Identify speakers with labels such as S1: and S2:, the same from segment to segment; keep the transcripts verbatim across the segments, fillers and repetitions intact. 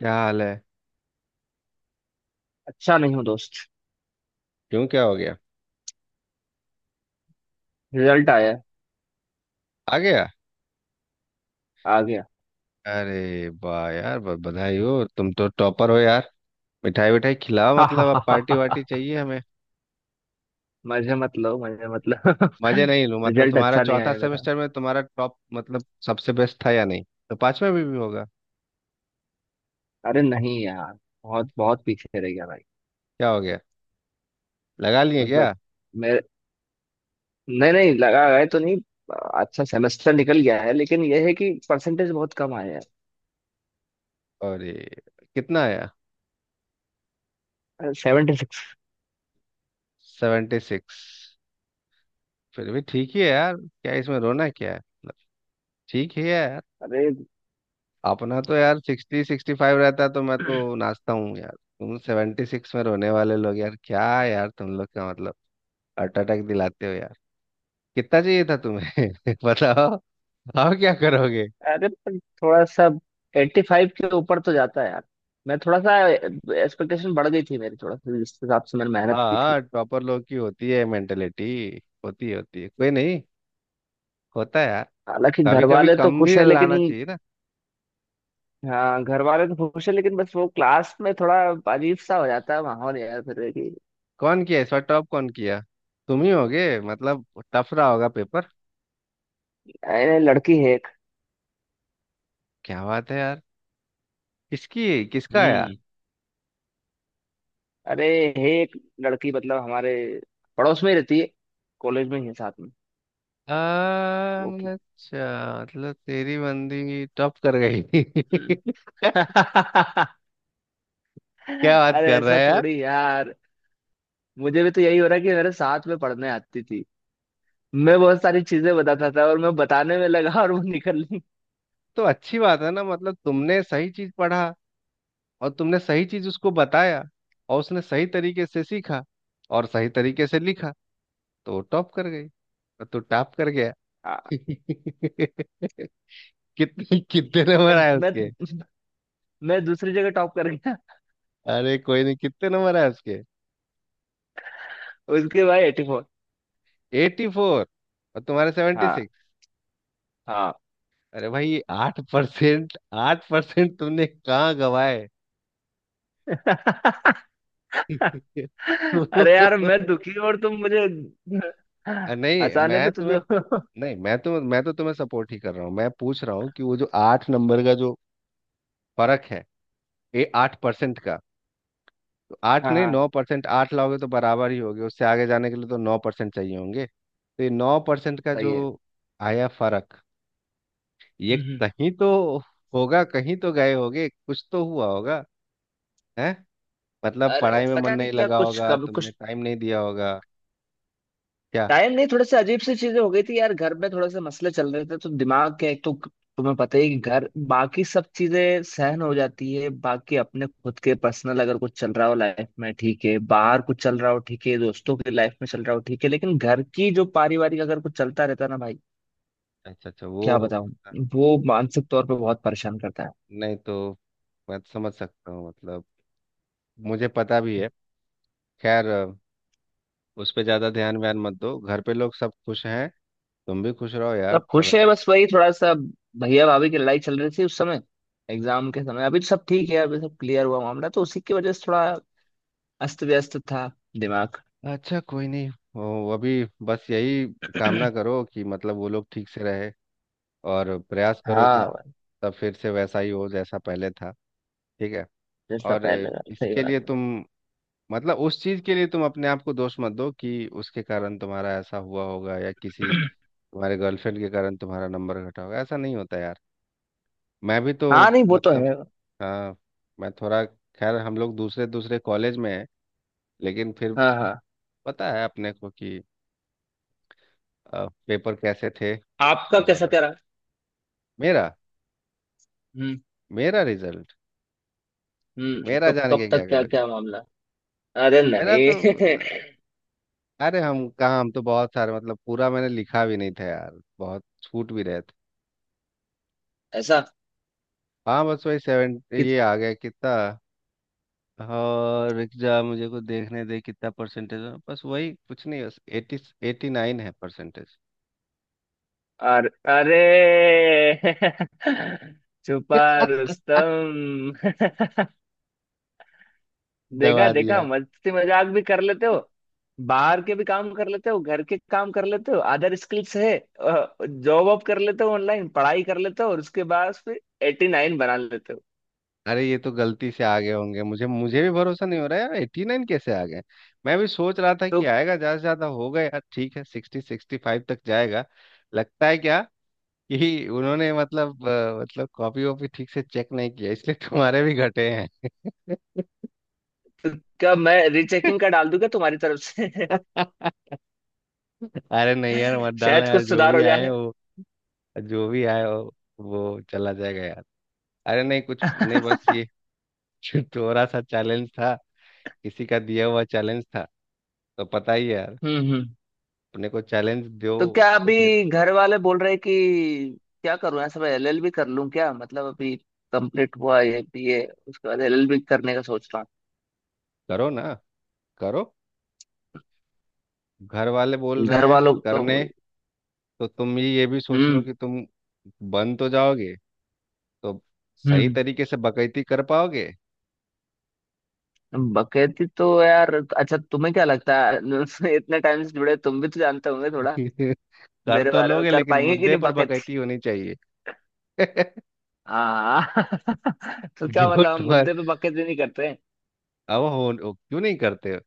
S1: क्या हाल है?
S2: अच्छा नहीं हूँ दोस्त।
S1: क्यों, क्या हो गया?
S2: रिजल्ट आया है,
S1: आ गया?
S2: आ गया।
S1: अरे वाह यार, ब- बधाई हो। तुम तो टॉपर हो यार। मिठाई विठाई खिलाओ, मतलब अब पार्टी वार्टी चाहिए हमें।
S2: मजे मत लो, मजे मत लो।
S1: मजे नहीं लूं? मतलब
S2: रिजल्ट
S1: तुम्हारा
S2: अच्छा नहीं
S1: चौथा
S2: आया मेरा।
S1: सेमेस्टर में तुम्हारा टॉप मतलब सबसे बेस्ट था या नहीं? तो पांचवा में भी होगा।
S2: अरे नहीं यार, बहुत बहुत पीछे रह गया भाई।
S1: क्या हो गया? लगा लिए
S2: मतलब
S1: क्या?
S2: मेरे नहीं नहीं, लगा गए तो नहीं, अच्छा सेमेस्टर निकल गया है, लेकिन यह है कि परसेंटेज बहुत कम आया
S1: और कितना आया?
S2: है। Seventy six.
S1: Seventy six? फिर भी ठीक ही है यार, क्या इसमें रोना क्या है, मतलब ठीक ही है यार।
S2: अरे छिहत्तर।
S1: अपना तो यार सिक्सटी सिक्सटी फाइव रहता तो मैं तो नाचता हूँ यार। तुम सेवेंटी सिक्स में रोने वाले लोग यार, क्या यार तुम लोग का मतलब हार्ट अटैक दिलाते हो यार। कितना चाहिए था तुम्हें? बताओ। अब क्या करोगे?
S2: अरे अरे, पर थोड़ा सा एट्टी फाइव के ऊपर तो जाता है यार। मैं थोड़ा सा, एक्सपेक्टेशन बढ़ गई थी मेरी, थोड़ा सा जिस हिसाब से मैंने मेहनत की
S1: हाँ,
S2: थी।
S1: टॉपर लोग की होती है मेंटेलिटी, होती है होती है, कोई नहीं, होता है यार।
S2: हालांकि घर
S1: कभी कभी
S2: वाले तो
S1: कम
S2: खुश
S1: भी
S2: है लेकिन।
S1: लाना चाहिए ना।
S2: हाँ घर वाले तो खुश है, लेकिन बस वो क्लास में थोड़ा अजीब सा हो जाता है माहौल यार, फिर कि।
S1: कौन किया इस बार टॉप? कौन किया? तुम ही होगे मतलब। टफ रहा होगा पेपर।
S2: अरे लड़की है एक।
S1: क्या बात है यार। किसकी? किसका आया?
S2: हम्म। अरे, है एक लड़की, मतलब हमारे पड़ोस में ही रहती है, कॉलेज में ही है साथ में। वो की।
S1: अच्छा। मतलब तेरी बंदी टॉप कर गई?
S2: हम्म।
S1: क्या बात
S2: अरे
S1: कर रहा
S2: ऐसा
S1: है यार।
S2: थोड़ी यार। मुझे भी तो यही हो रहा है कि मेरे साथ में पढ़ने आती थी, मैं बहुत सारी चीजें बताता था, और मैं बताने में लगा और वो निकल ली।
S1: तो अच्छी बात है ना, मतलब तुमने सही चीज पढ़ा और तुमने सही चीज उसको बताया और उसने सही तरीके से सीखा और सही तरीके से लिखा, तो वो टॉप कर गई और तू टॉप कर गया।
S2: हाँ,
S1: कितने कितने नंबर
S2: मैं
S1: आए
S2: मैं
S1: उसके?
S2: मैं दूसरी जगह टॉप कर गया।
S1: अरे कोई नहीं, कितने नंबर आए उसके?
S2: उसके बाद एटी फोर।
S1: एटी फोर और तुम्हारे सेवेंटी
S2: हाँ,
S1: सिक्स।
S2: हाँ।
S1: अरे भाई आठ परसेंट! आठ परसेंट तुमने कहाँ गवाए?
S2: अरे यार मैं दुखी और तुम मुझे
S1: नहीं
S2: हंसाने
S1: मैं
S2: पे
S1: तुम्हें,
S2: तुले हो।
S1: नहीं मैं तो मैं तो तुम्हें सपोर्ट ही कर रहा हूँ। मैं पूछ रहा हूँ कि वो जो आठ नंबर का जो फर्क है, ये आठ परसेंट का। तो आठ
S2: हाँ
S1: नहीं
S2: हाँ,
S1: नौ परसेंट, आठ लाओगे तो बराबर ही होगे उससे, आगे जाने के लिए तो नौ परसेंट चाहिए होंगे। तो ये नौ परसेंट का
S2: सही
S1: जो
S2: है।
S1: आया फर्क, ये
S2: हम्म।
S1: कहीं तो होगा, कहीं तो गए होगे, कुछ तो हुआ होगा है। मतलब
S2: अरे
S1: पढ़ाई में मन
S2: पता नहीं
S1: नहीं
S2: क्या,
S1: लगा
S2: कुछ,
S1: होगा,
S2: कब,
S1: तुमने
S2: कुछ
S1: टाइम नहीं दिया होगा। क्या?
S2: टाइम नहीं, थोड़े से अजीब सी चीजें हो गई थी यार, घर में थोड़े से मसले चल रहे थे तो दिमाग के, एक तो तुम्हें पता ही है कि घर, बाकी सब चीजें सहन हो जाती है, बाकी अपने खुद के पर्सनल अगर कुछ चल रहा हो लाइफ में ठीक है, बाहर कुछ चल रहा हो ठीक है, दोस्तों की लाइफ में चल रहा हो ठीक है, लेकिन घर की जो पारिवारिक अगर कुछ चलता रहता है ना भाई,
S1: अच्छा अच्छा, वो
S2: क्या
S1: हो
S2: बताऊं,
S1: गया था।
S2: वो मानसिक तौर पर बहुत परेशान करता
S1: नहीं तो मैं समझ सकता हूँ मतलब, मुझे पता भी
S2: है।
S1: है। खैर अ, उस पे ज़्यादा ध्यान व्यान मत दो, घर पे लोग सब खुश हैं, तुम भी खुश रहो यार।
S2: सब खुश है,
S1: सेवेंटी
S2: बस वही थोड़ा सा भैया भाभी की लड़ाई चल रही थी उस समय, एग्जाम के समय। अभी तो सब ठीक है, अभी सब क्लियर हुआ मामला, तो उसी की वजह से थोड़ा अस्त व्यस्त था दिमाग।
S1: अच्छा कोई नहीं, वो अभी बस यही कामना करो कि मतलब वो लोग ठीक से रहे और प्रयास करो कि
S2: हाँ
S1: सब
S2: भाई,
S1: सब फिर से वैसा ही हो जैसा पहले था, ठीक है।
S2: जैसा
S1: और अ,
S2: पहले था, सही
S1: इसके
S2: बात
S1: लिए
S2: है।
S1: तुम मतलब उस चीज के लिए तुम अपने आप को दोष मत दो कि उसके कारण तुम्हारा ऐसा हुआ होगा, या किसी तुम्हारे गर्लफ्रेंड के कारण तुम्हारा नंबर घटा होगा, ऐसा नहीं होता यार। मैं भी तो
S2: हाँ नहीं, वो तो
S1: मतलब,
S2: है।
S1: हाँ, मैं थोड़ा, खैर हम लोग दूसरे दूसरे कॉलेज में हैं लेकिन फिर
S2: हाँ हाँ।
S1: पता है अपने को कि अ, पेपर कैसे थे।
S2: आपका कैसा
S1: और
S2: क्या रहा?
S1: मेरा,
S2: हम्म।
S1: मेरा रिजल्ट,
S2: हम्म,
S1: मेरा
S2: कब
S1: जान
S2: कब
S1: के क्या
S2: तक, क्या
S1: करोगे?
S2: क्या मामला? अरे
S1: मेरा
S2: नहीं।
S1: तो मतलब, अरे हम कहाँ, हम तो बहुत सारे मतलब पूरा मैंने लिखा भी नहीं था यार, बहुत छूट भी रहे थे।
S2: ऐसा
S1: हाँ बस वही सेवन
S2: कि
S1: ये आ गया कितना, और रुक जा मुझे को देखने दे कितना परसेंटेज है, बस वही कुछ नहीं, बस एटी, एटी नाइन है परसेंटेज।
S2: और अरे। छुपा रुस्तम। देखा
S1: दबा
S2: देखा,
S1: दिया।
S2: मस्ती मजाक भी कर लेते हो, बाहर के भी काम कर लेते हो, घर के काम कर लेते हो, अदर स्किल्स है, जॉब वॉब कर लेते हो, ऑनलाइन पढ़ाई कर लेते हो, और उसके बाद फिर एटी नाइन बना लेते हो।
S1: अरे ये तो गलती से आ गए होंगे, मुझे मुझे भी भरोसा नहीं हो रहा है यार, एट्टी नाइन कैसे आ गए। मैं भी सोच रहा था कि
S2: तो
S1: आएगा ज्यादा से ज्यादा होगा यार, ठीक है सिक्सटी सिक्सटी फाइव तक जाएगा। लगता है क्या कि उन्होंने मतलब अ, मतलब कॉपी वॉपी ठीक से चेक नहीं किया इसलिए तुम्हारे भी घटे हैं।
S2: तो क्या मैं रीचेकिंग का डाल दूं क्या तुम्हारी तरफ से?
S1: अरे नहीं यार मत डालना
S2: शायद
S1: यार,
S2: कुछ
S1: जो
S2: सुधार
S1: भी
S2: हो
S1: आए
S2: जाए।
S1: वो, जो भी आए वो, वो चला जाएगा यार। अरे नहीं कुछ नहीं बस
S2: हम्म।
S1: ये थोड़ा सा चैलेंज था, किसी का दिया हुआ चैलेंज था, तो पता ही है यार,
S2: हम्म।
S1: अपने को चैलेंज दो।
S2: तो क्या
S1: तो
S2: अभी
S1: फिर
S2: घर वाले बोल रहे कि, क्या करूं ऐसा, मैं एलएलबी कर लूं क्या? मतलब अभी कंप्लीट हुआ है बीए, उसके बाद एलएलबी करने का सोच रहा
S1: करो ना, करो, घर वाले बोल
S2: हूँ,
S1: रहे
S2: घर
S1: हैं
S2: वालों का।
S1: करने। तो तुम ये ये भी सोच लो
S2: हम्म।
S1: कि तुम बन तो जाओगे, तो सही
S2: हम्म।
S1: तरीके से बकैती कर पाओगे।
S2: बकैती तो यार, अच्छा तुम्हें क्या लगता है इतने टाइम से जुड़े, तुम भी तो जानते होंगे थोड़ा,
S1: कर
S2: मेरे
S1: तो
S2: बारे में
S1: लोगे
S2: कर
S1: लेकिन
S2: पाएंगे कि
S1: मुद्दे
S2: नहीं
S1: पर
S2: बकैती।
S1: बकैती होनी चाहिए।
S2: हाँ। तो क्या
S1: जो
S2: मतलब हम
S1: तुम्हारे
S2: मुद्दे पे बकैती नहीं करते हैं?
S1: अब हो ओ, क्यों नहीं करते,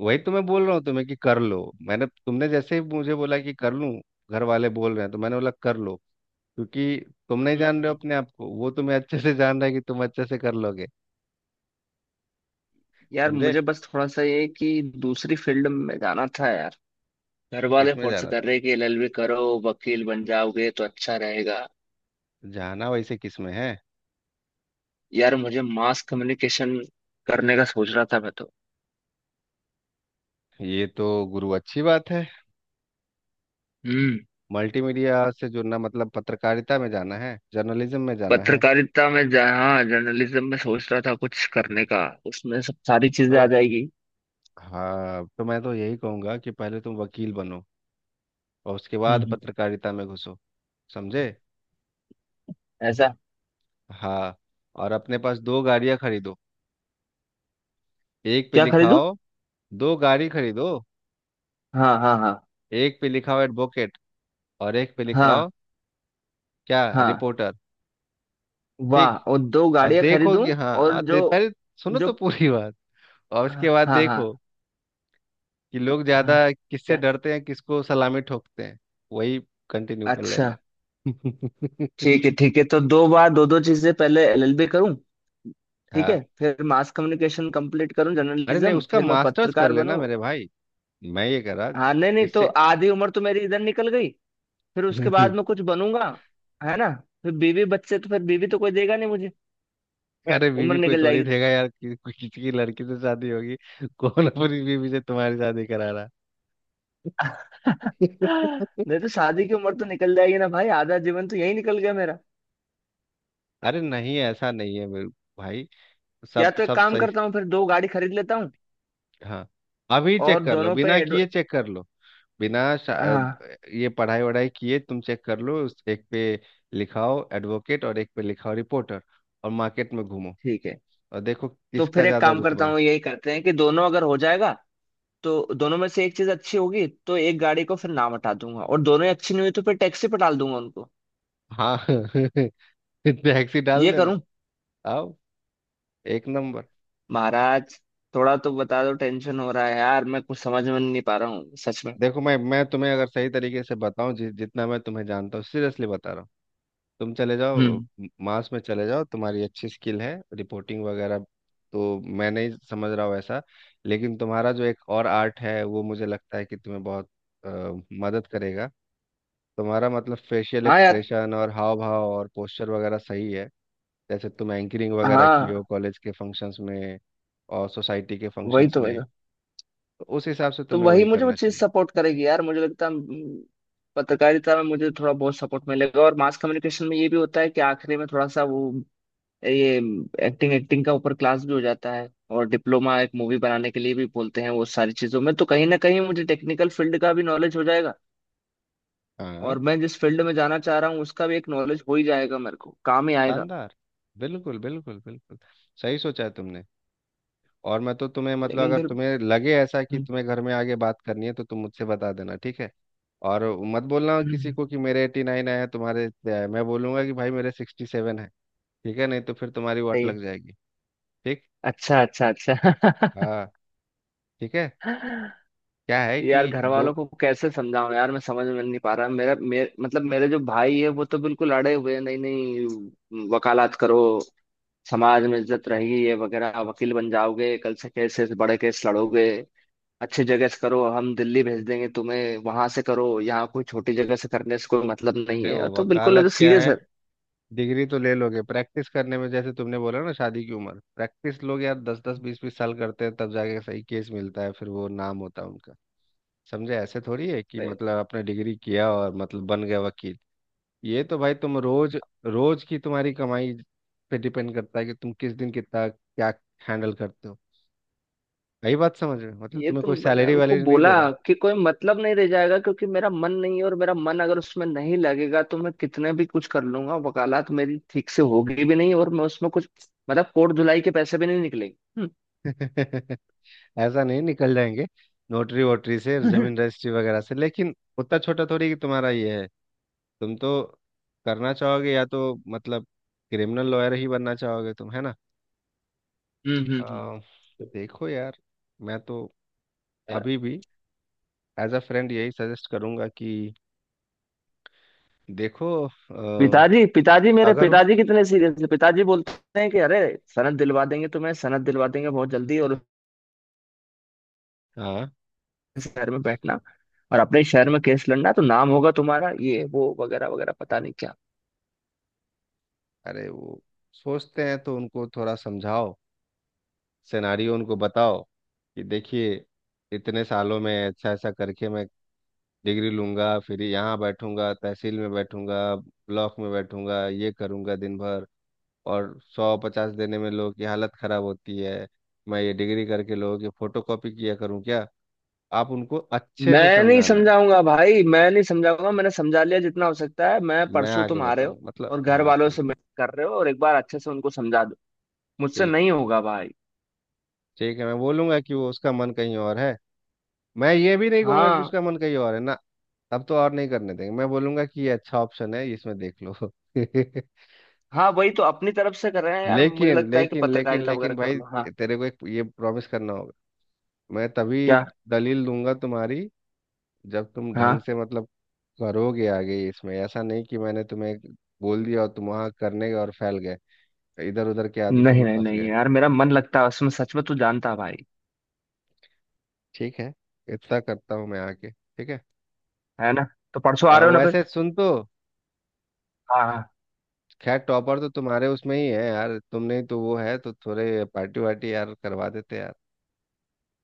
S1: वही तो मैं बोल रहा हूँ तुम्हें कि कर लो। मैंने तुमने जैसे ही मुझे बोला कि कर लूँ, घर वाले बोल रहे हैं, तो मैंने बोला कर लो। क्योंकि तुम नहीं
S2: हम्म।
S1: जान रहे
S2: हम्म।
S1: हो अपने आप को, वो तुम्हें अच्छे से जान रहा है कि तुम अच्छे से कर लोगे।
S2: यार
S1: समझे?
S2: मुझे बस थोड़ा सा ये कि दूसरी फील्ड में जाना था यार। घर वाले
S1: किसमें
S2: फोर्स
S1: जाना?
S2: कर रहे कि एलएलबी करो, वकील बन जाओगे तो अच्छा रहेगा।
S1: जाना वैसे किसमें है?
S2: यार मुझे मास कम्युनिकेशन करने का सोच रहा था मैं तो।
S1: ये तो गुरु अच्छी बात है।
S2: हम्म।
S1: मल्टीमीडिया से जुड़ना मतलब पत्रकारिता में जाना है, जर्नलिज्म में जाना है
S2: पत्रकारिता में, जहाँ जर्नलिज्म में सोच रहा था कुछ करने का, उसमें सब सारी चीजें आ
S1: तो।
S2: जाएगी।
S1: हाँ, तो मैं तो यही कहूंगा कि पहले तुम वकील बनो और उसके
S2: हम्म।
S1: बाद
S2: हम्म।
S1: पत्रकारिता में घुसो। समझे?
S2: ऐसा।
S1: हाँ। और अपने पास दो गाड़ियां खरीदो, एक पे
S2: क्या खरीदूं?
S1: लिखाओ, दो गाड़ी खरीदो,
S2: हाँ हाँ हाँ।
S1: एक पे लिखाओ एडवोकेट और एक पे
S2: हाँ।
S1: लिखाओ, क्या,
S2: हाँ।
S1: रिपोर्टर। ठीक।
S2: वाह, और दो
S1: और
S2: गाड़ियां
S1: देखो
S2: खरीदूं?
S1: कि हाँ
S2: और
S1: आ,
S2: जो,
S1: दे, पहले सुनो
S2: जो,
S1: तो पूरी बात, और उसके
S2: हाँ
S1: बाद
S2: हाँ हाँ।
S1: देखो कि लोग ज्यादा
S2: हाँ,
S1: किससे
S2: क्या?
S1: डरते हैं, किसको सलामी ठोकते हैं, वही कंटिन्यू कर
S2: अच्छा,
S1: लेना।
S2: ठीक है ठीक है। तो दो बार, दो दो चीजें, पहले एलएलबी करूं, ठीक है,
S1: हाँ।
S2: फिर मास कम्युनिकेशन कंप्लीट करूं
S1: अरे नहीं,
S2: जर्नलिज्म,
S1: उसका
S2: फिर मैं
S1: मास्टर्स कर
S2: पत्रकार
S1: लेना
S2: बनूं।
S1: मेरे भाई। मैं ये करा
S2: हाँ नहीं नहीं, तो
S1: इससे।
S2: आधी उम्र तो मेरी इधर निकल गई, फिर उसके बाद में कुछ बनूंगा, है ना? फिर बीवी बच्चे, तो फिर बीवी तो कोई देगा नहीं मुझे,
S1: अरे बीवी
S2: उम्र
S1: कोई
S2: निकल
S1: थोड़ी
S2: जाएगी तो।
S1: देगा यार, कि- किसी की लड़की से शादी होगी। कौन अपनी बीवी से तुम्हारी शादी करा रहा है?
S2: नहीं तो शादी की उम्र तो निकल जाएगी ना भाई, आधा जीवन तो यही निकल गया मेरा।
S1: अरे नहीं ऐसा नहीं है मेरे भाई,
S2: या
S1: सब
S2: तो एक
S1: सब
S2: काम
S1: सही,
S2: करता हूँ, फिर दो गाड़ी खरीद लेता हूँ,
S1: हाँ। अभी
S2: और
S1: चेक कर लो,
S2: दोनों पे
S1: बिना
S2: एडव...
S1: किए चेक कर लो, बिना शा-
S2: हाँ।
S1: ये पढ़ाई वढ़ाई किए तुम चेक कर लो, उस एक पे लिखाओ एडवोकेट और एक पे लिखाओ रिपोर्टर और मार्केट में घूमो
S2: ठीक है,
S1: और देखो
S2: तो
S1: किसका
S2: फिर एक
S1: ज्यादा
S2: काम करता
S1: रुतबा है।
S2: हूँ, यही करते हैं कि दोनों अगर हो जाएगा, तो दोनों में से एक चीज अच्छी होगी तो एक गाड़ी को फिर नाम हटा दूंगा, और दोनों ही अच्छी नहीं हुई तो फिर टैक्सी पे डाल दूंगा उनको।
S1: हाँ टैक्सी डाल
S2: ये
S1: देना।
S2: करूं।
S1: आओ, एक नंबर।
S2: महाराज, थोड़ा तो बता दो, टेंशन हो रहा है यार, मैं कुछ समझ में नहीं पा रहा हूँ सच में।
S1: देखो मैं मैं तुम्हें अगर सही तरीके से बताऊं, जि, जितना मैं तुम्हें जानता हूँ सीरियसली बता रहा हूँ, तुम चले जाओ
S2: हम्म।
S1: म- मास में चले जाओ, तुम्हारी अच्छी स्किल है रिपोर्टिंग वगैरह, तो मैं नहीं समझ रहा हूँ ऐसा। लेकिन तुम्हारा जो एक और आर्ट है वो मुझे लगता है कि तुम्हें बहुत अ, मदद करेगा। तुम्हारा मतलब फेशियल
S2: हाँ यार।
S1: एक्सप्रेशन और हाव भाव और पोस्चर वगैरह सही है, जैसे तुम एंकरिंग वगैरह की हो
S2: हाँ
S1: कॉलेज के फंक्शंस में और सोसाइटी के
S2: वही
S1: फंक्शंस
S2: तो वही
S1: में,
S2: तो
S1: तो उस हिसाब से
S2: तो
S1: तुम्हें
S2: वही
S1: वही
S2: मुझे वो
S1: करना
S2: चीज
S1: चाहिए।
S2: सपोर्ट करेगी यार, मुझे लगता है। हम्म, पत्रकारिता में मुझे थोड़ा बहुत सपोर्ट मिलेगा, और मास कम्युनिकेशन में ये भी होता है कि आखिरी में थोड़ा सा वो, ये एक्टिंग एक्टिंग का ऊपर क्लास भी हो जाता है, और डिप्लोमा एक मूवी बनाने के लिए भी बोलते हैं, वो सारी चीजों में तो कहीं ना कहीं मुझे टेक्निकल फील्ड का भी नॉलेज हो जाएगा,
S1: हाँ,
S2: और मैं जिस फील्ड में जाना चाह रहा हूँ उसका भी एक नॉलेज हो ही जाएगा, मेरे को काम ही आएगा।
S1: शानदार। बिल्कुल बिल्कुल बिल्कुल, सही सोचा है तुमने। और मैं तो तुम्हें मतलब
S2: लेकिन
S1: अगर
S2: फिर,
S1: तुम्हें लगे ऐसा कि
S2: हम्म,
S1: तुम्हें घर में आगे बात करनी है तो तुम मुझसे बता देना, ठीक है। और मत बोलना किसी
S2: हम्म,
S1: को कि मेरे एटी नाइन आया, तुम्हारे इतने आए, मैं बोलूंगा कि भाई मेरे सिक्सटी सेवन है, ठीक है, नहीं तो फिर तुम्हारी वाट
S2: सही है।
S1: लग जाएगी। ठीक।
S2: अच्छा अच्छा अच्छा।
S1: हाँ, ठीक है। क्या है
S2: यार
S1: कि
S2: घर
S1: दो,
S2: वालों को कैसे समझाऊं यार, मैं समझ में नहीं पा रहा। मेरा मेर, मतलब मेरे जो भाई है वो तो बिल्कुल अड़े हुए हैं, नहीं नहीं वकालत करो, समाज में इज्जत रहेगी, ये वगैरह, वकील बन जाओगे, कल से केसेस, बड़े केस लड़ोगे, अच्छी जगह से करो, हम दिल्ली भेज देंगे तुम्हें, वहां से करो, यहाँ कोई छोटी जगह से करने से कोई मतलब नहीं है,
S1: देखो
S2: तो बिल्कुल ये
S1: वकालत
S2: तो
S1: क्या
S2: सीरियस
S1: है, डिग्री तो ले लोगे, प्रैक्टिस करने में जैसे तुमने बोला ना शादी की उम्र, प्रैक्टिस लोग यार दस दस बीस बीस साल करते हैं तब जाके सही केस मिलता है फिर वो नाम होता है उनका। समझे? ऐसे थोड़ी है कि
S2: है।
S1: मतलब आपने डिग्री किया और मतलब बन गए वकील। ये तो भाई तुम रोज, रोज की तुम्हारी कमाई पे डिपेंड करता है कि तुम किस दिन कितना क्या हैंडल करते हो। यही बात समझ रहे हो, मतलब
S2: ये
S1: तुम्हें
S2: तो
S1: कोई
S2: मैंने
S1: सैलरी
S2: उनको
S1: वैलरी नहीं
S2: बोला
S1: दे रहा।
S2: कि कोई मतलब नहीं रह जाएगा, क्योंकि मेरा मन नहीं है, और मेरा मन अगर उसमें नहीं लगेगा तो मैं कितने भी कुछ कर लूंगा, वकालत मेरी ठीक से होगी भी नहीं, और मैं उसमें कुछ, मतलब कोट धुलाई के पैसे भी नहीं निकलेंगे। हम्म।
S1: ऐसा नहीं, निकल जाएंगे नोटरी वोटरी से,
S2: हम्म,
S1: जमीन रजिस्ट्री वगैरह से, लेकिन उतना छोटा थोड़ी कि तुम्हारा ये है। तुम तो करना चाहोगे या तो मतलब क्रिमिनल लॉयर ही बनना चाहोगे तुम, है ना।
S2: हम्म, हम्म।
S1: अ, देखो यार, मैं तो
S2: अ,
S1: अभी भी एज अ फ्रेंड यही सजेस्ट करूंगा कि देखो अ,
S2: पिताजी पिताजी मेरे
S1: अगर,
S2: पिताजी कितने सीरियस है, पिताजी बोलते हैं कि अरे सनद दिलवा देंगे तुम्हें, सनद दिलवा देंगे बहुत जल्दी, और
S1: हाँ।
S2: उस शहर में बैठना और अपने शहर में केस लड़ना तो नाम होगा तुम्हारा, ये वो वगैरह वगैरह पता नहीं क्या।
S1: अरे वो सोचते हैं तो उनको थोड़ा समझाओ, सिनारियो उनको बताओ कि देखिए इतने सालों में ऐसा ऐसा करके मैं डिग्री लूंगा, फिर यहाँ बैठूंगा, तहसील में बैठूंगा, ब्लॉक में बैठूंगा, ये करूंगा दिन भर और सौ पचास देने में लोगों की हालत खराब होती है, मैं ये डिग्री करके लोगों की फोटो कॉपी किया करूँ क्या? आप उनको अच्छे से
S2: मैं नहीं
S1: समझाना।
S2: समझाऊंगा भाई, मैं नहीं समझाऊंगा, मैंने समझा लिया जितना हो सकता है। मैं
S1: मैं
S2: परसों,
S1: आगे
S2: तुम आ रहे
S1: बताऊं
S2: हो
S1: मतलब,
S2: और घर
S1: हाँ,
S2: वालों
S1: ठीक,
S2: से मिल कर रहे हो, और एक बार अच्छे से उनको समझा दो, मुझसे
S1: ठीक।
S2: नहीं होगा भाई।
S1: ठीक है, मैं बोलूंगा कि वो उसका मन कहीं और है, मैं ये भी नहीं कहूंगा कि
S2: हाँ,
S1: उसका मन कहीं और है ना, अब तो और नहीं करने देंगे, मैं बोलूंगा कि ये अच्छा ऑप्शन है इसमें देख लो।
S2: हाँ वही तो अपनी तरफ से कर रहे हैं यार, मुझे
S1: लेकिन
S2: लगता है कि
S1: लेकिन लेकिन
S2: पत्रकारिता वगैरह
S1: लेकिन
S2: कर
S1: भाई,
S2: लो। हाँ।
S1: तेरे को एक ये प्रॉमिस करना होगा, मैं तभी
S2: क्या?
S1: दलील दूंगा तुम्हारी जब तुम ढंग
S2: हाँ
S1: से मतलब करोगे आगे, इसमें ऐसा नहीं कि मैंने तुम्हें बोल दिया और तुम वहां करने गए और फैल गए, इधर उधर के आदतों
S2: नहीं
S1: में
S2: नहीं
S1: फंस
S2: नहीं
S1: गए।
S2: यार, मेरा मन लगता है उसमें सच में, तू जानता है भाई।
S1: ठीक है, इतना करता हूँ मैं आके, ठीक है।
S2: है ना? तो परसों आ
S1: आ,
S2: रहे हो ना फिर?
S1: वैसे सुन तो,
S2: हाँ हाँ।
S1: खैर टॉपर तो तुम्हारे उसमें ही है यार, तुमने ही तो वो है, तो थोड़े पार्टी वार्टी यार करवा देते यार।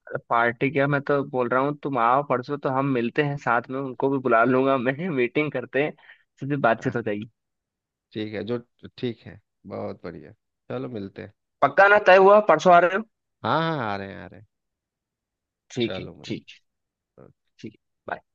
S2: अरे पार्टी क्या, मैं तो बोल रहा हूँ तुम आओ परसों तो हम मिलते हैं साथ में, उनको भी बुला लूंगा मैं मीटिंग करते हैं, सीधी
S1: हाँ
S2: बातचीत हो जाएगी।
S1: ठीक है, जो, ठीक है, बहुत बढ़िया, चलो मिलते हैं।
S2: पक्का ना, तय हुआ, परसों आ रहे हो?
S1: हाँ हाँ आ रहे हैं आ रहे हैं,
S2: ठीक है,
S1: चलो
S2: ठीक
S1: मिलते
S2: है।
S1: हैं।
S2: ठीक है। bye.